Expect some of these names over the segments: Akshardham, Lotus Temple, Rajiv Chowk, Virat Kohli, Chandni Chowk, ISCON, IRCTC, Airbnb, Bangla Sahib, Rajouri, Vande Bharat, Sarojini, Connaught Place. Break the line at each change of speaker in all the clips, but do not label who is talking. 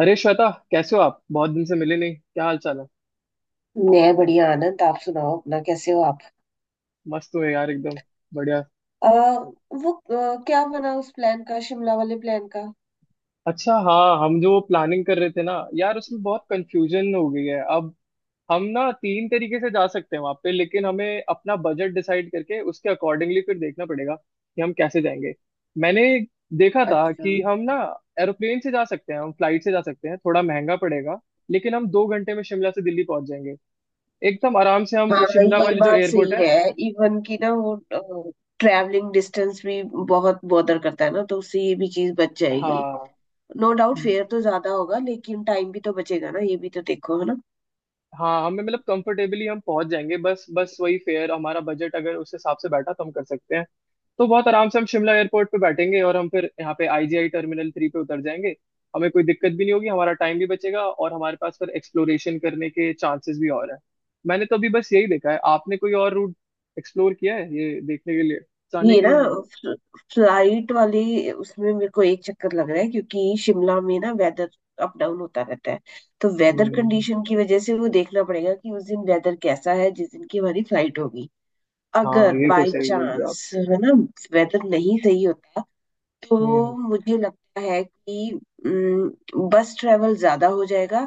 अरे श्वेता, कैसे हो आप? बहुत दिन से मिले नहीं। क्या हाल चाल है?
मैं बढ़िया आनंद। आप सुनाओ अपना, कैसे हो आप?
मस्त हो यार एकदम। बढ़िया।
वो क्या बना उस प्लान का, शिमला वाले प्लान का?
अच्छा, हाँ हम जो प्लानिंग कर रहे थे ना यार, उसमें बहुत कंफ्यूजन हो गई है अब। हम ना 3 तरीके से जा सकते हैं वहां पे, लेकिन हमें अपना बजट डिसाइड करके उसके अकॉर्डिंगली फिर देखना पड़ेगा कि हम कैसे जाएंगे। मैंने देखा था
अच्छा।
कि हम ना एरोप्लेन से जा सकते हैं, हम फ्लाइट से जा सकते हैं। थोड़ा महंगा पड़ेगा, लेकिन हम 2 घंटे में शिमला से दिल्ली पहुंच जाएंगे एकदम आराम से। हम
हाँ,
शिमला
ये
वाले जो
बात
एयरपोर्ट
सही
है।
है। इवन की ना वो ट्रैवलिंग डिस्टेंस भी बहुत बॉदर करता है ना, तो उससे ये भी चीज बच जाएगी।
हाँ।
नो डाउट फेयर तो ज्यादा होगा, लेकिन टाइम भी तो बचेगा ना, ये भी तो देखो है ना।
हाँ, हमें मतलब कंफर्टेबली हम पहुंच जाएंगे। बस बस वही फेयर, हमारा बजट अगर उस हिसाब से बैठा तो हम कर सकते हैं। तो बहुत आराम से हम शिमला एयरपोर्ट पे बैठेंगे और हम फिर यहाँ पे आईजीआई टर्मिनल 3 पे उतर जाएंगे। हमें कोई दिक्कत भी नहीं होगी, हमारा टाइम भी बचेगा और हमारे पास फिर एक्सप्लोरेशन करने के चांसेस भी और है। मैंने तो अभी बस यही देखा है। आपने कोई और रूट एक्सप्लोर किया है ये देखने के लिए, जाने
ये
के
ना
लिए हमारे?
फ्ल- फ्लाइट वाले, उसमें मेरे को एक चक्कर लग रहा है क्योंकि शिमला में ना वेदर अप डाउन होता रहता है। तो वेदर
हम्म।
कंडीशन की वजह से वो देखना पड़ेगा कि उस दिन वेदर कैसा है जिस दिन की हमारी फ्लाइट होगी।
हाँ,
अगर
ये तो
बाय
सही बोल रहे हो आप।
चांस है ना, वेदर नहीं सही होता, तो
हम्म।
मुझे लगता है कि बस ट्रेवल ज्यादा हो जाएगा।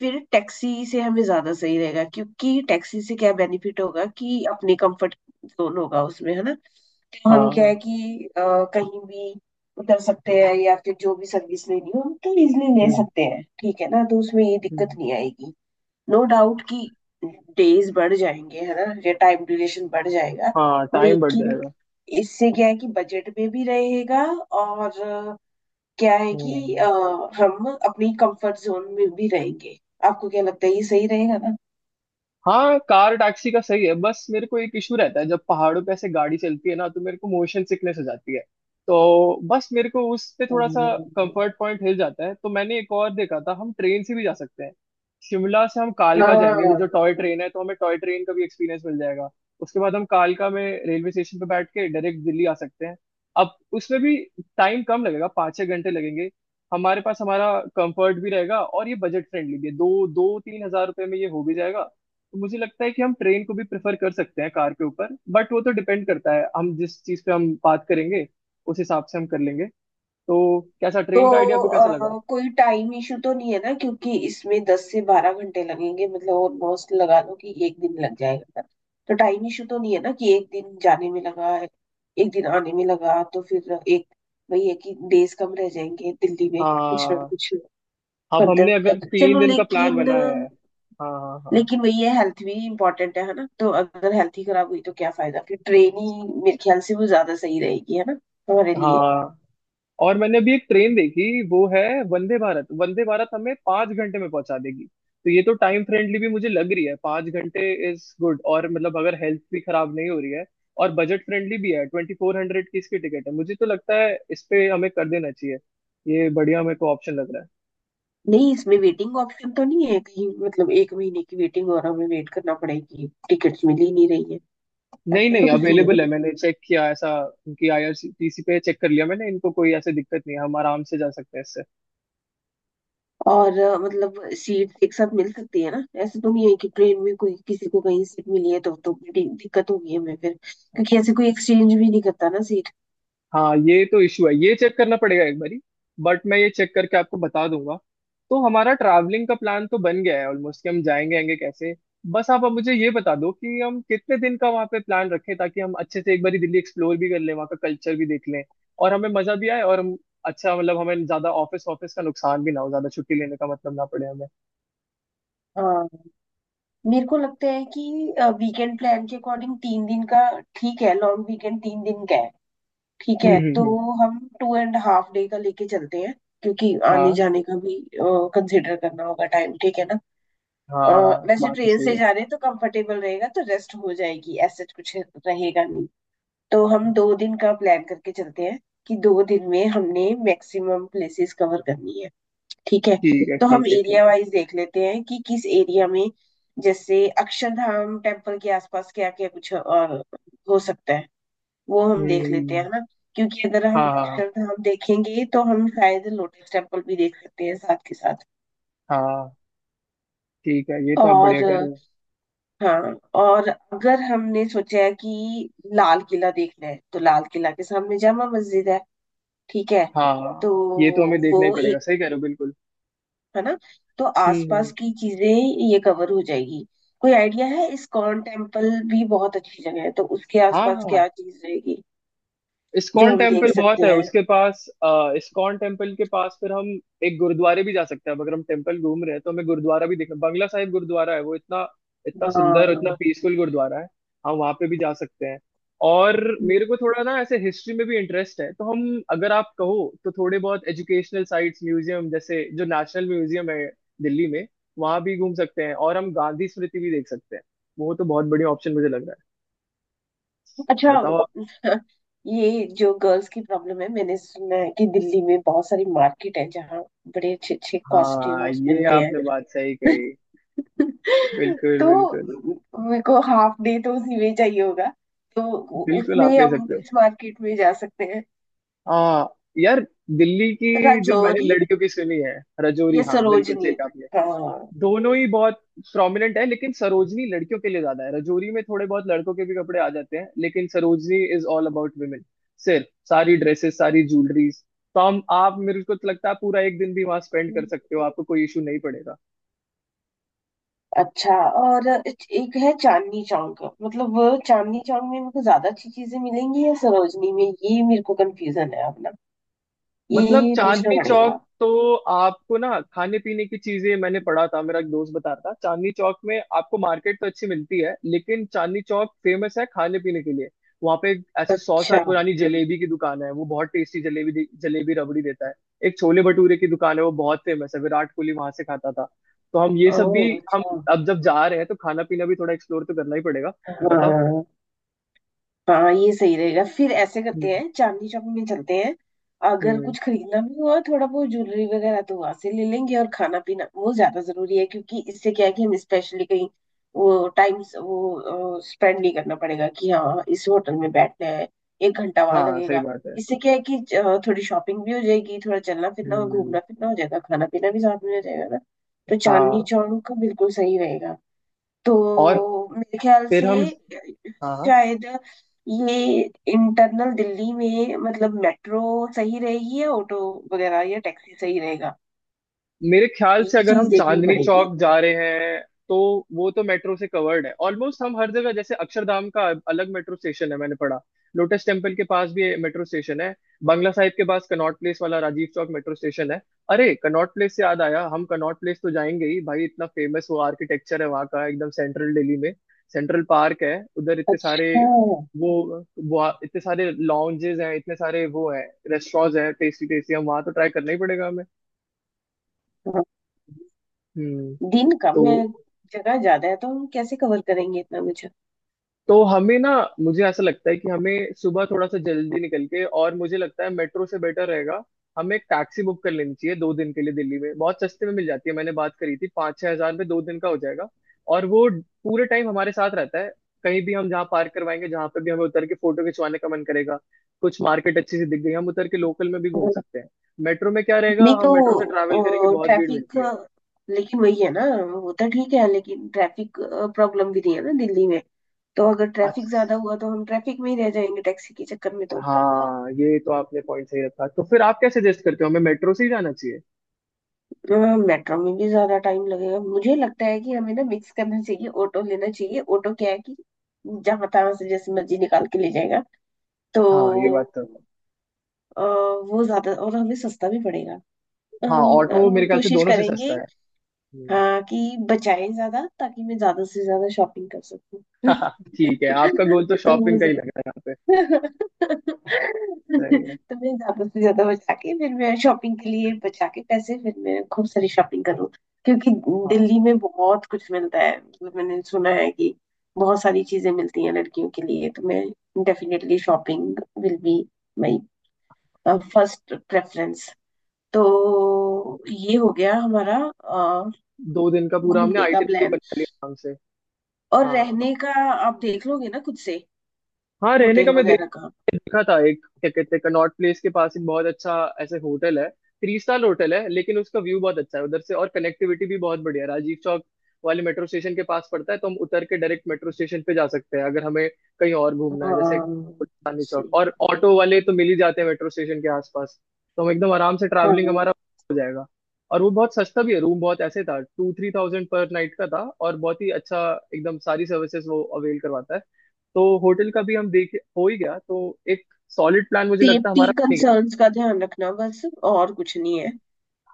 फिर टैक्सी से हमें ज्यादा सही रहेगा, क्योंकि टैक्सी से क्या बेनिफिट होगा कि अपने कंफर्ट जोन होगा उसमें, है ना। तो हम क्या
हाँ।
है कि कहीं भी उतर सकते हैं या फिर जो भी सर्विस लेनी हो हम तो इजिली ले
हम्म।
सकते हैं, ठीक है ना, तो उसमें ये दिक्कत
हम्म।
नहीं आएगी। नो डाउट कि डेज बढ़ जाएंगे है ना, या टाइम ड्यूरेशन बढ़ जाएगा,
हाँ टाइम बढ़
लेकिन
जाएगा।
इससे क्या है कि बजट में भी रहेगा और क्या है कि
हम्म।
हम अपनी कंफर्ट जोन में भी रहेंगे। आपको क्या लगता है, ये सही रहेगा ना?
हाँ, कार टैक्सी का सही है, बस मेरे को एक इशू रहता है। जब पहाड़ों पे ऐसे गाड़ी चलती है ना, तो मेरे को मोशन सिकनेस हो जाती है। तो बस मेरे को उस पे
अ,
थोड़ा सा कंफर्ट पॉइंट हिल जाता है। तो मैंने एक और देखा था, हम ट्रेन से भी जा सकते हैं। शिमला से हम कालका जाएंगे, वो जो
हाँ।
टॉय ट्रेन है, तो हमें टॉय ट्रेन का भी एक्सपीरियंस मिल जाएगा। उसके बाद हम कालका में रेलवे स्टेशन पे बैठ के डायरेक्ट दिल्ली आ सकते हैं। अब उसमें भी टाइम कम लगेगा, 5-6 घंटे लगेंगे। हमारे पास हमारा कंफर्ट भी रहेगा और ये बजट फ्रेंडली भी है। दो दो तीन हजार रुपये में ये हो भी जाएगा। तो मुझे लगता है कि हम ट्रेन को भी प्रेफर कर सकते हैं कार के ऊपर। बट वो तो डिपेंड करता है, हम जिस चीज़ पे हम बात करेंगे उस हिसाब से हम कर लेंगे। तो कैसा
तो
ट्रेन का आइडिया आपको कैसा लगा?
कोई टाइम इशू तो नहीं है ना, क्योंकि इसमें 10 से 12 घंटे लगेंगे, मतलब ऑलमोस्ट लगा लो कि एक दिन लग जाएगा। तो टाइम इशू तो नहीं है ना कि एक दिन जाने में लगा है, एक दिन आने में लगा, तो फिर एक, वही है कि डेज कम रह जाएंगे दिल्ली में, कुछ ना
हाँ।
कुछ
अब हमने
फर्दर।
अगर तीन
चलो,
दिन का प्लान
लेकिन,
बना है। हाँ। हाँ।
लेकिन वही है, हेल्थ भी इम्पोर्टेंट है ना, तो अगर हेल्थ ही खराब हुई तो क्या फायदा? फिर ट्रेन ही मेरे ख्याल से वो ज्यादा सही रहेगी, है ना, हमारे
हाँ।
लिए।
हाँ। और मैंने अभी एक ट्रेन देखी, वो है वंदे भारत। वंदे भारत हमें 5 घंटे में पहुंचा देगी, तो ये तो टाइम फ्रेंडली भी मुझे लग रही है। 5 घंटे इज गुड। और मतलब अगर हेल्थ भी खराब नहीं हो रही है और बजट फ्रेंडली भी है, 2400 की इसकी टिकट है। मुझे तो लगता है इस पे हमें कर देना चाहिए। ये बढ़िया मेरे को ऑप्शन लग रहा है।
नहीं, इसमें वेटिंग ऑप्शन तो नहीं है कहीं? मतलब एक महीने की वेटिंग और हमें वेट करना पड़ेगी, टिकट्स मिल ही नहीं रही है।
नहीं
ऐसा
नहीं,
तो कुछ नहीं है ना?
अवेलेबल है, मैंने चेक किया ऐसा। उनकी आईआरसीटीसी पे चेक कर लिया मैंने, इनको कोई ऐसी दिक्कत नहीं है, हम आराम से जा सकते हैं।
और मतलब सीट एक साथ मिल सकती है ना? ऐसे तो नहीं है कि ट्रेन में कोई किसी को कहीं सीट मिली है तो बड़ी दिक्कत होगी हमें फिर, क्योंकि ऐसे कोई एक्सचेंज भी नहीं करता ना सीट।
हाँ ये तो इशू है, ये चेक करना पड़ेगा एक बारी, बट मैं ये चेक करके आपको बता दूंगा। तो हमारा ट्रैवलिंग का प्लान तो बन गया है ऑलमोस्ट, कि हम जाएंगे आएंगे कैसे। बस आप अब मुझे ये बता दो कि हम कितने दिन का वहाँ पे प्लान रखें, ताकि हम अच्छे से एक बारी दिल्ली एक्सप्लोर भी कर लें, वहाँ का कल्चर भी देख लें, और हमें मजा भी आए, और हम अच्छा मतलब, हमें ज्यादा ऑफिस ऑफिस का नुकसान भी ना हो, ज्यादा छुट्टी लेने का मतलब ना पड़े हमें।
हाँ, मेरे को लगता है कि वीकेंड प्लान के अकॉर्डिंग 3 दिन का ठीक है, लॉन्ग वीकेंड 3 दिन का है, ठीक
हम्म।
है,
हम्म।
तो
हम्म।
हम टू एंड हाफ डे का लेके चलते हैं, क्योंकि आने
हाँ,
जाने का भी कंसिडर करना होगा टाइम, ठीक है ना। अ,
हाँ
वैसे
बात तो
ट्रेन
सही
से
है।
जा रहे हैं तो कंफर्टेबल रहेगा, तो रेस्ट हो जाएगी, ऐसा कुछ रहेगा नहीं, तो हम 2 दिन का प्लान करके चलते हैं कि 2 दिन में हमने मैक्सिमम प्लेसेस कवर करनी है, ठीक है।
ठीक है
तो
ठीक
हम
है ठीक
एरिया
है।
वाइज देख लेते हैं कि किस एरिया में, जैसे अक्षरधाम टेम्पल के आसपास क्या क्या कुछ और हो सकता है, वो हम देख लेते हैं
हम्म।
ना। क्योंकि अगर हम
हाँ। हाँ।
अक्षरधाम देखेंगे तो हम शायद लोटस टेम्पल भी देख सकते हैं साथ के साथ।
हाँ। हाँ। ठीक है, ये तो आप बढ़िया
और
कह रहे हो।
हाँ। और अगर हमने सोचा है कि लाल किला देखना है तो लाल किला के सामने जामा मस्जिद है, ठीक है। तो
हाँ, ये तो हमें देखना
वो
ही पड़ेगा,
एक,
सही कह रहे हो बिल्कुल।
है ना, तो
हम्म।
आसपास
हम्म।
की चीजें ये कवर हो जाएगी। कोई आइडिया है, इस्कॉन टेम्पल भी बहुत अच्छी जगह है, तो उसके
हाँ।
आसपास
हाँ,
क्या चीज रहेगी जो
इस्कॉन
हम देख
टेम्पल बहुत
सकते
है,
हैं?
उसके पास, इस्कॉन टेम्पल के पास फिर हम एक गुरुद्वारे भी जा सकते हैं। अब अगर हम टेम्पल घूम रहे हैं तो हमें गुरुद्वारा भी देखना। बंगला साहिब गुरुद्वारा है, वो इतना इतना सुंदर और इतना
हाँ।
पीसफुल गुरुद्वारा है। हम वहाँ पे भी जा सकते हैं। और मेरे को थोड़ा ना ऐसे हिस्ट्री में भी इंटरेस्ट है, तो हम, अगर आप कहो तो थोड़े बहुत एजुकेशनल साइट्स, म्यूजियम, जैसे जो नेशनल म्यूजियम है दिल्ली में वहाँ भी घूम सकते हैं। और हम गांधी स्मृति भी देख सकते हैं। वो तो बहुत बढ़िया ऑप्शन मुझे लग रहा है।
अच्छा।
बताओ आप।
ये जो गर्ल्स की प्रॉब्लम है, मैंने सुना है कि दिल्ली में बहुत सारी मार्केट है जहाँ बड़े अच्छे अच्छे
हाँ,
कॉस्ट्यूम्स
ये
मिलते हैं।
आपने बात सही कही। बिल्कुल
तो
बिल्कुल।
मेरे को हाफ डे तो उसी में चाहिए होगा। तो
बिल्कुल,
उसमें
आप ले
हम
सकते हो।
किस मार्केट में जा सकते हैं?
आ, यार दिल्ली की जो मैंने
राजौरी
लड़कियों की सुनी है, रजौरी,
या
हाँ बिल्कुल सही
सरोजनी?
कहा आपने।
हाँ।
दोनों ही बहुत प्रोमिनेंट है, लेकिन सरोजनी लड़कियों के लिए ज्यादा है। रजौरी में थोड़े बहुत लड़कों के भी कपड़े आ जाते हैं, लेकिन Sarojini is all about women। सिर्फ सारी ड्रेसेस, सारी ज्वेलरीज। तो हम, आप, मेरे को तो लगता है पूरा एक दिन भी वहां स्पेंड कर सकते हो, आपको कोई इशू नहीं पड़ेगा।
अच्छा। और एक है चांदनी चौक। मतलब वो चांदनी चौक में मेरे को ज्यादा अच्छी चीजें मिलेंगी या सरोजनी में, ये मेरे को कंफ्यूजन है,
मतलब
ये पूछना
चांदनी
पड़ेगा।
चौक तो आपको ना खाने पीने की चीजें, मैंने पढ़ा था, मेरा एक दोस्त बता रहा था, चांदनी चौक में आपको मार्केट तो अच्छी मिलती है, लेकिन चांदनी चौक फेमस है खाने पीने के लिए। वहाँ पे एक ऐसे 100 साल
अच्छा।
पुरानी जलेबी की दुकान है, वो बहुत टेस्टी जलेबी रबड़ी देता है। एक छोले भटूरे की दुकान है, वो बहुत फेमस है, विराट कोहली वहां से खाता था। तो हम ये
ओ,
सब भी, हम,
अच्छा।
अब जब जा रहे हैं तो खाना पीना भी थोड़ा एक्सप्लोर तो करना ही पड़ेगा।
हाँ,
बताओ।
हाँ। हाँ, ये सही रहेगा, फिर ऐसे
हम्म।
करते हैं, चांदनी शॉपिंग में चलते हैं। अगर
हम्म।
कुछ खरीदना भी हुआ थोड़ा बहुत ज्वेलरी वगैरह तो वहां से ले लेंगे। और खाना पीना वो ज्यादा जरूरी है, क्योंकि इससे क्या है कि हम स्पेशली कहीं वो टाइम वो स्पेंड नहीं करना पड़ेगा कि हाँ इस होटल में बैठना है, एक घंटा वहां
हाँ सही
लगेगा।
बात है।
इससे क्या है कि थोड़ी शॉपिंग भी हो जाएगी, थोड़ा चलना फिरना और
हम्म।
घूमना फिरना हो जाएगा, खाना पीना भी साथ में हो जाएगा ना। तो चांदनी
हाँ।
चौक बिल्कुल सही रहेगा।
और
तो मेरे ख्याल
फिर
से
हम। हाँ।
शायद ये इंटरनल दिल्ली में, मतलब मेट्रो सही रहेगी या ऑटो वगैरह या टैक्सी सही रहेगा,
मेरे ख्याल से
ये
अगर
चीज
हम
देखनी
चांदनी
पड़ेगी।
चौक जा रहे हैं तो वो तो मेट्रो से कवर्ड है ऑलमोस्ट। हम हर जगह, जैसे अक्षरधाम का अलग मेट्रो स्टेशन है, मैंने पढ़ा। लोटस टेम्पल के पास भी मेट्रो स्टेशन है। बंगला साहिब के पास कनॉट प्लेस वाला राजीव चौक मेट्रो स्टेशन है। अरे, कनॉट प्लेस से याद आया, हम कनॉट प्लेस तो जाएंगे ही भाई, इतना फेमस वो आर्किटेक्चर है वहाँ का, एकदम सेंट्रल दिल्ली में। सेंट्रल पार्क है उधर, इतने सारे,
अच्छा।
वो इतने सारे लॉन्जेस हैं, इतने सारे वो हैं, रेस्टोरेंट्स हैं टेस्टी टेस्टी, हम वहाँ तो ट्राई करना ही पड़ेगा
हाँ।
हमें।
दिन
तो
कम है, जगह ज्यादा है, तो हम कैसे कवर करेंगे इतना मुझे?
तो हमें ना, मुझे ऐसा लगता है कि हमें सुबह थोड़ा सा जल्दी निकल के, और मुझे लगता है मेट्रो से बेटर रहेगा हमें एक टैक्सी बुक कर लेनी चाहिए 2 दिन के लिए। दिल्ली में बहुत सस्ते में मिल जाती है, मैंने बात करी थी, 5-6 हजार में 2 दिन का हो जाएगा। और वो पूरे टाइम हमारे साथ रहता है, कहीं भी, हम जहाँ पार्क करवाएंगे, जहाँ पे भी हमें उतर के फोटो खिंचवाने का मन करेगा, कुछ मार्केट अच्छी सी दिख गई, हम उतर के लोकल में भी घूम सकते हैं। मेट्रो में क्या रहेगा,
नहीं
हम मेट्रो से ट्रैवल करेंगे,
तो
बहुत भीड़
ट्रैफिक,
मिलती
लेकिन वही है ना, वो तो ठीक है, लेकिन ट्रैफिक प्रॉब्लम भी नहीं है ना दिल्ली में? तो अगर
है।
ट्रैफिक ज्यादा हुआ तो हम ट्रैफिक में ही रह जाएंगे टैक्सी के चक्कर में, तो।
हाँ, ये तो आपने पॉइंट सही रखा। तो फिर आप क्या सजेस्ट करते हो, हमें मेट्रो से ही जाना चाहिए?
मेट्रो में भी ज्यादा टाइम लगेगा, मुझे लगता है कि हमें ना मिक्स करना चाहिए, ऑटो लेना चाहिए। ऑटो क्या है कि जहां तहां से जैसे मर्जी निकाल के ले जाएगा। तो
हाँ ये बात तो है।
वो ज्यादा और हमें सस्ता भी पड़ेगा।
हाँ,
अम,
ऑटो
अम,
मेरे ख्याल से
कोशिश
दोनों से
करेंगे।
सस्ता है। हम्म।
हाँ, कि बचाएं ज्यादा ताकि मैं ज्यादा से ज्यादा शॉपिंग कर सकूं।
ठीक है, आपका गोल तो
तो
शॉपिंग का ही लग रहा है यहाँ पे।
तो मैं
सही है।
ज्यादा से ज्यादा बचा के, फिर मैं शॉपिंग के लिए बचा के पैसे फिर मैं खूब सारी शॉपिंग करूँ। क्योंकि
हाँ,
दिल्ली में बहुत कुछ मिलता है, मतलब मैंने सुना है कि बहुत सारी चीजें मिलती हैं लड़कियों के लिए, तो मैं definitely shopping will be my first preference. तो ये हो गया हमारा अ,
दो दिन का पूरा हमने
घूमने का
आइटनरी
प्लान।
बना लिया आराम से।
और
हाँ।
रहने का आप देख लोगे ना खुद से,
हाँ रहने का
होटल
मैं देख,
वगैरह का।
देखा था एक, क्या कहते हैं, कनॉट प्लेस के पास एक बहुत अच्छा ऐसे होटल है, 3 स्टार होटल है, लेकिन उसका व्यू बहुत अच्छा है उधर से, और कनेक्टिविटी भी बहुत बढ़िया है। राजीव चौक वाले मेट्रो स्टेशन के पास पड़ता है, तो हम उतर के डायरेक्ट मेट्रो स्टेशन पे जा सकते हैं अगर हमें कहीं और घूमना है, जैसे
हाँ।
चांदनी चौक।
सही।
और ऑटो वाले तो मिल ही जाते हैं मेट्रो स्टेशन के आसपास, तो हम एकदम आराम से ट्रैवलिंग
हाँ।
हमारा हो जाएगा। और वो बहुत सस्ता भी है, रूम बहुत ऐसे था, 2-3 thousand पर नाइट का था, और बहुत ही अच्छा एकदम, सारी सर्विसेज वो अवेल करवाता है। तो होटल का भी हम देख हो ही गया, तो एक सॉलिड प्लान मुझे लगता है
सेफ्टी
हमारा बन ही गया।
कंसर्न्स का ध्यान रखना बस, और कुछ नहीं है।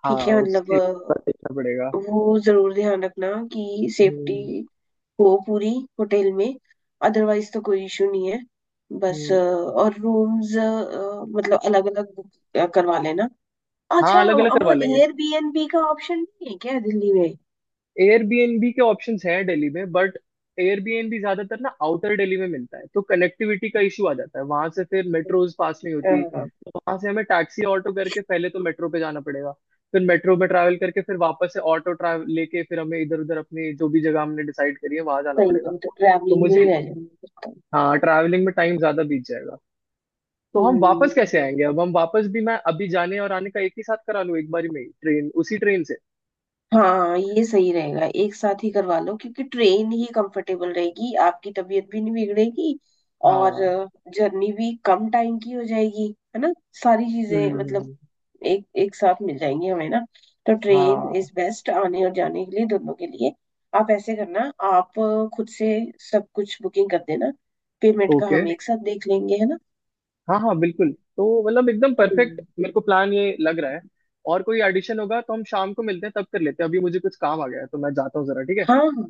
ठीक
हाँ,
है, मतलब
उससे करना पड़ेगा।
वो जरूर ध्यान रखना कि सेफ्टी
हम्म।
हो पूरी होटल में। अदरवाइज तो कोई इशू नहीं है, बस
हम्म।
और रूम्स मतलब अलग अलग बुक करवा लेना।
हाँ,
अच्छा।
अलग अलग
अब
करवा लेंगे।
एयरबीएनबी का ऑप्शन नहीं है क्या दिल्ली में?
एयरबीएनबी के ऑप्शंस हैं दिल्ली में, बट एयरबीएनबी ज्यादातर ना आउटर दिल्ली में मिलता है, तो कनेक्टिविटी का इशू आ जाता है। वहां से फिर मेट्रोज पास नहीं होती,
हाँ,
तो वहां से हमें टैक्सी ऑटो करके पहले तो मेट्रो पे जाना पड़ेगा, फिर मेट्रो में ट्रैवल करके, फिर वापस से ऑटो ट्रैवल लेके, फिर हमें इधर उधर अपनी जो भी जगह हमने डिसाइड करी है वहां जाना
सही है,
पड़ेगा।
मतलब
तो
ट्रैवलिंग में ही
मुझे,
रह जाऊंगी फिर तो।
हाँ ट्रैवलिंग में टाइम ज्यादा बीत जाएगा। तो हम वापस
हम्म।
कैसे आएंगे? अब हम वापस भी, मैं अभी जाने और आने का एक ही साथ करा लूँ एक बारी में, ट्रेन, उसी ट्रेन से।
हाँ, ये सही रहेगा, एक साथ ही करवा लो, क्योंकि ट्रेन ही कंफर्टेबल रहेगी, आपकी तबीयत भी नहीं बिगड़ेगी। और
हाँ।
जर्नी भी कम टाइम की हो जाएगी, है ना, सारी चीजें मतलब
हम्म।
एक एक साथ मिल जाएंगी हमें ना। तो ट्रेन
हाँ।
इज बेस्ट आने और जाने के लिए दोनों के लिए। आप ऐसे करना, आप खुद से सब कुछ बुकिंग कर देना, पेमेंट का
ओके।
हम एक साथ देख लेंगे, है ना।
हाँ हाँ बिल्कुल। तो मतलब एकदम परफेक्ट
हम्म।
मेरे को प्लान ये लग रहा है। और कोई एडिशन होगा तो हम शाम को मिलते हैं, तब कर लेते हैं। अभी मुझे कुछ काम आ गया है, तो मैं जाता हूँ जरा, ठीक है?
हाँ, हाँ।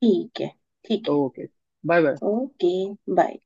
ठीक है। ठीक है।
Okay. Bye bye.
Okay. Bye.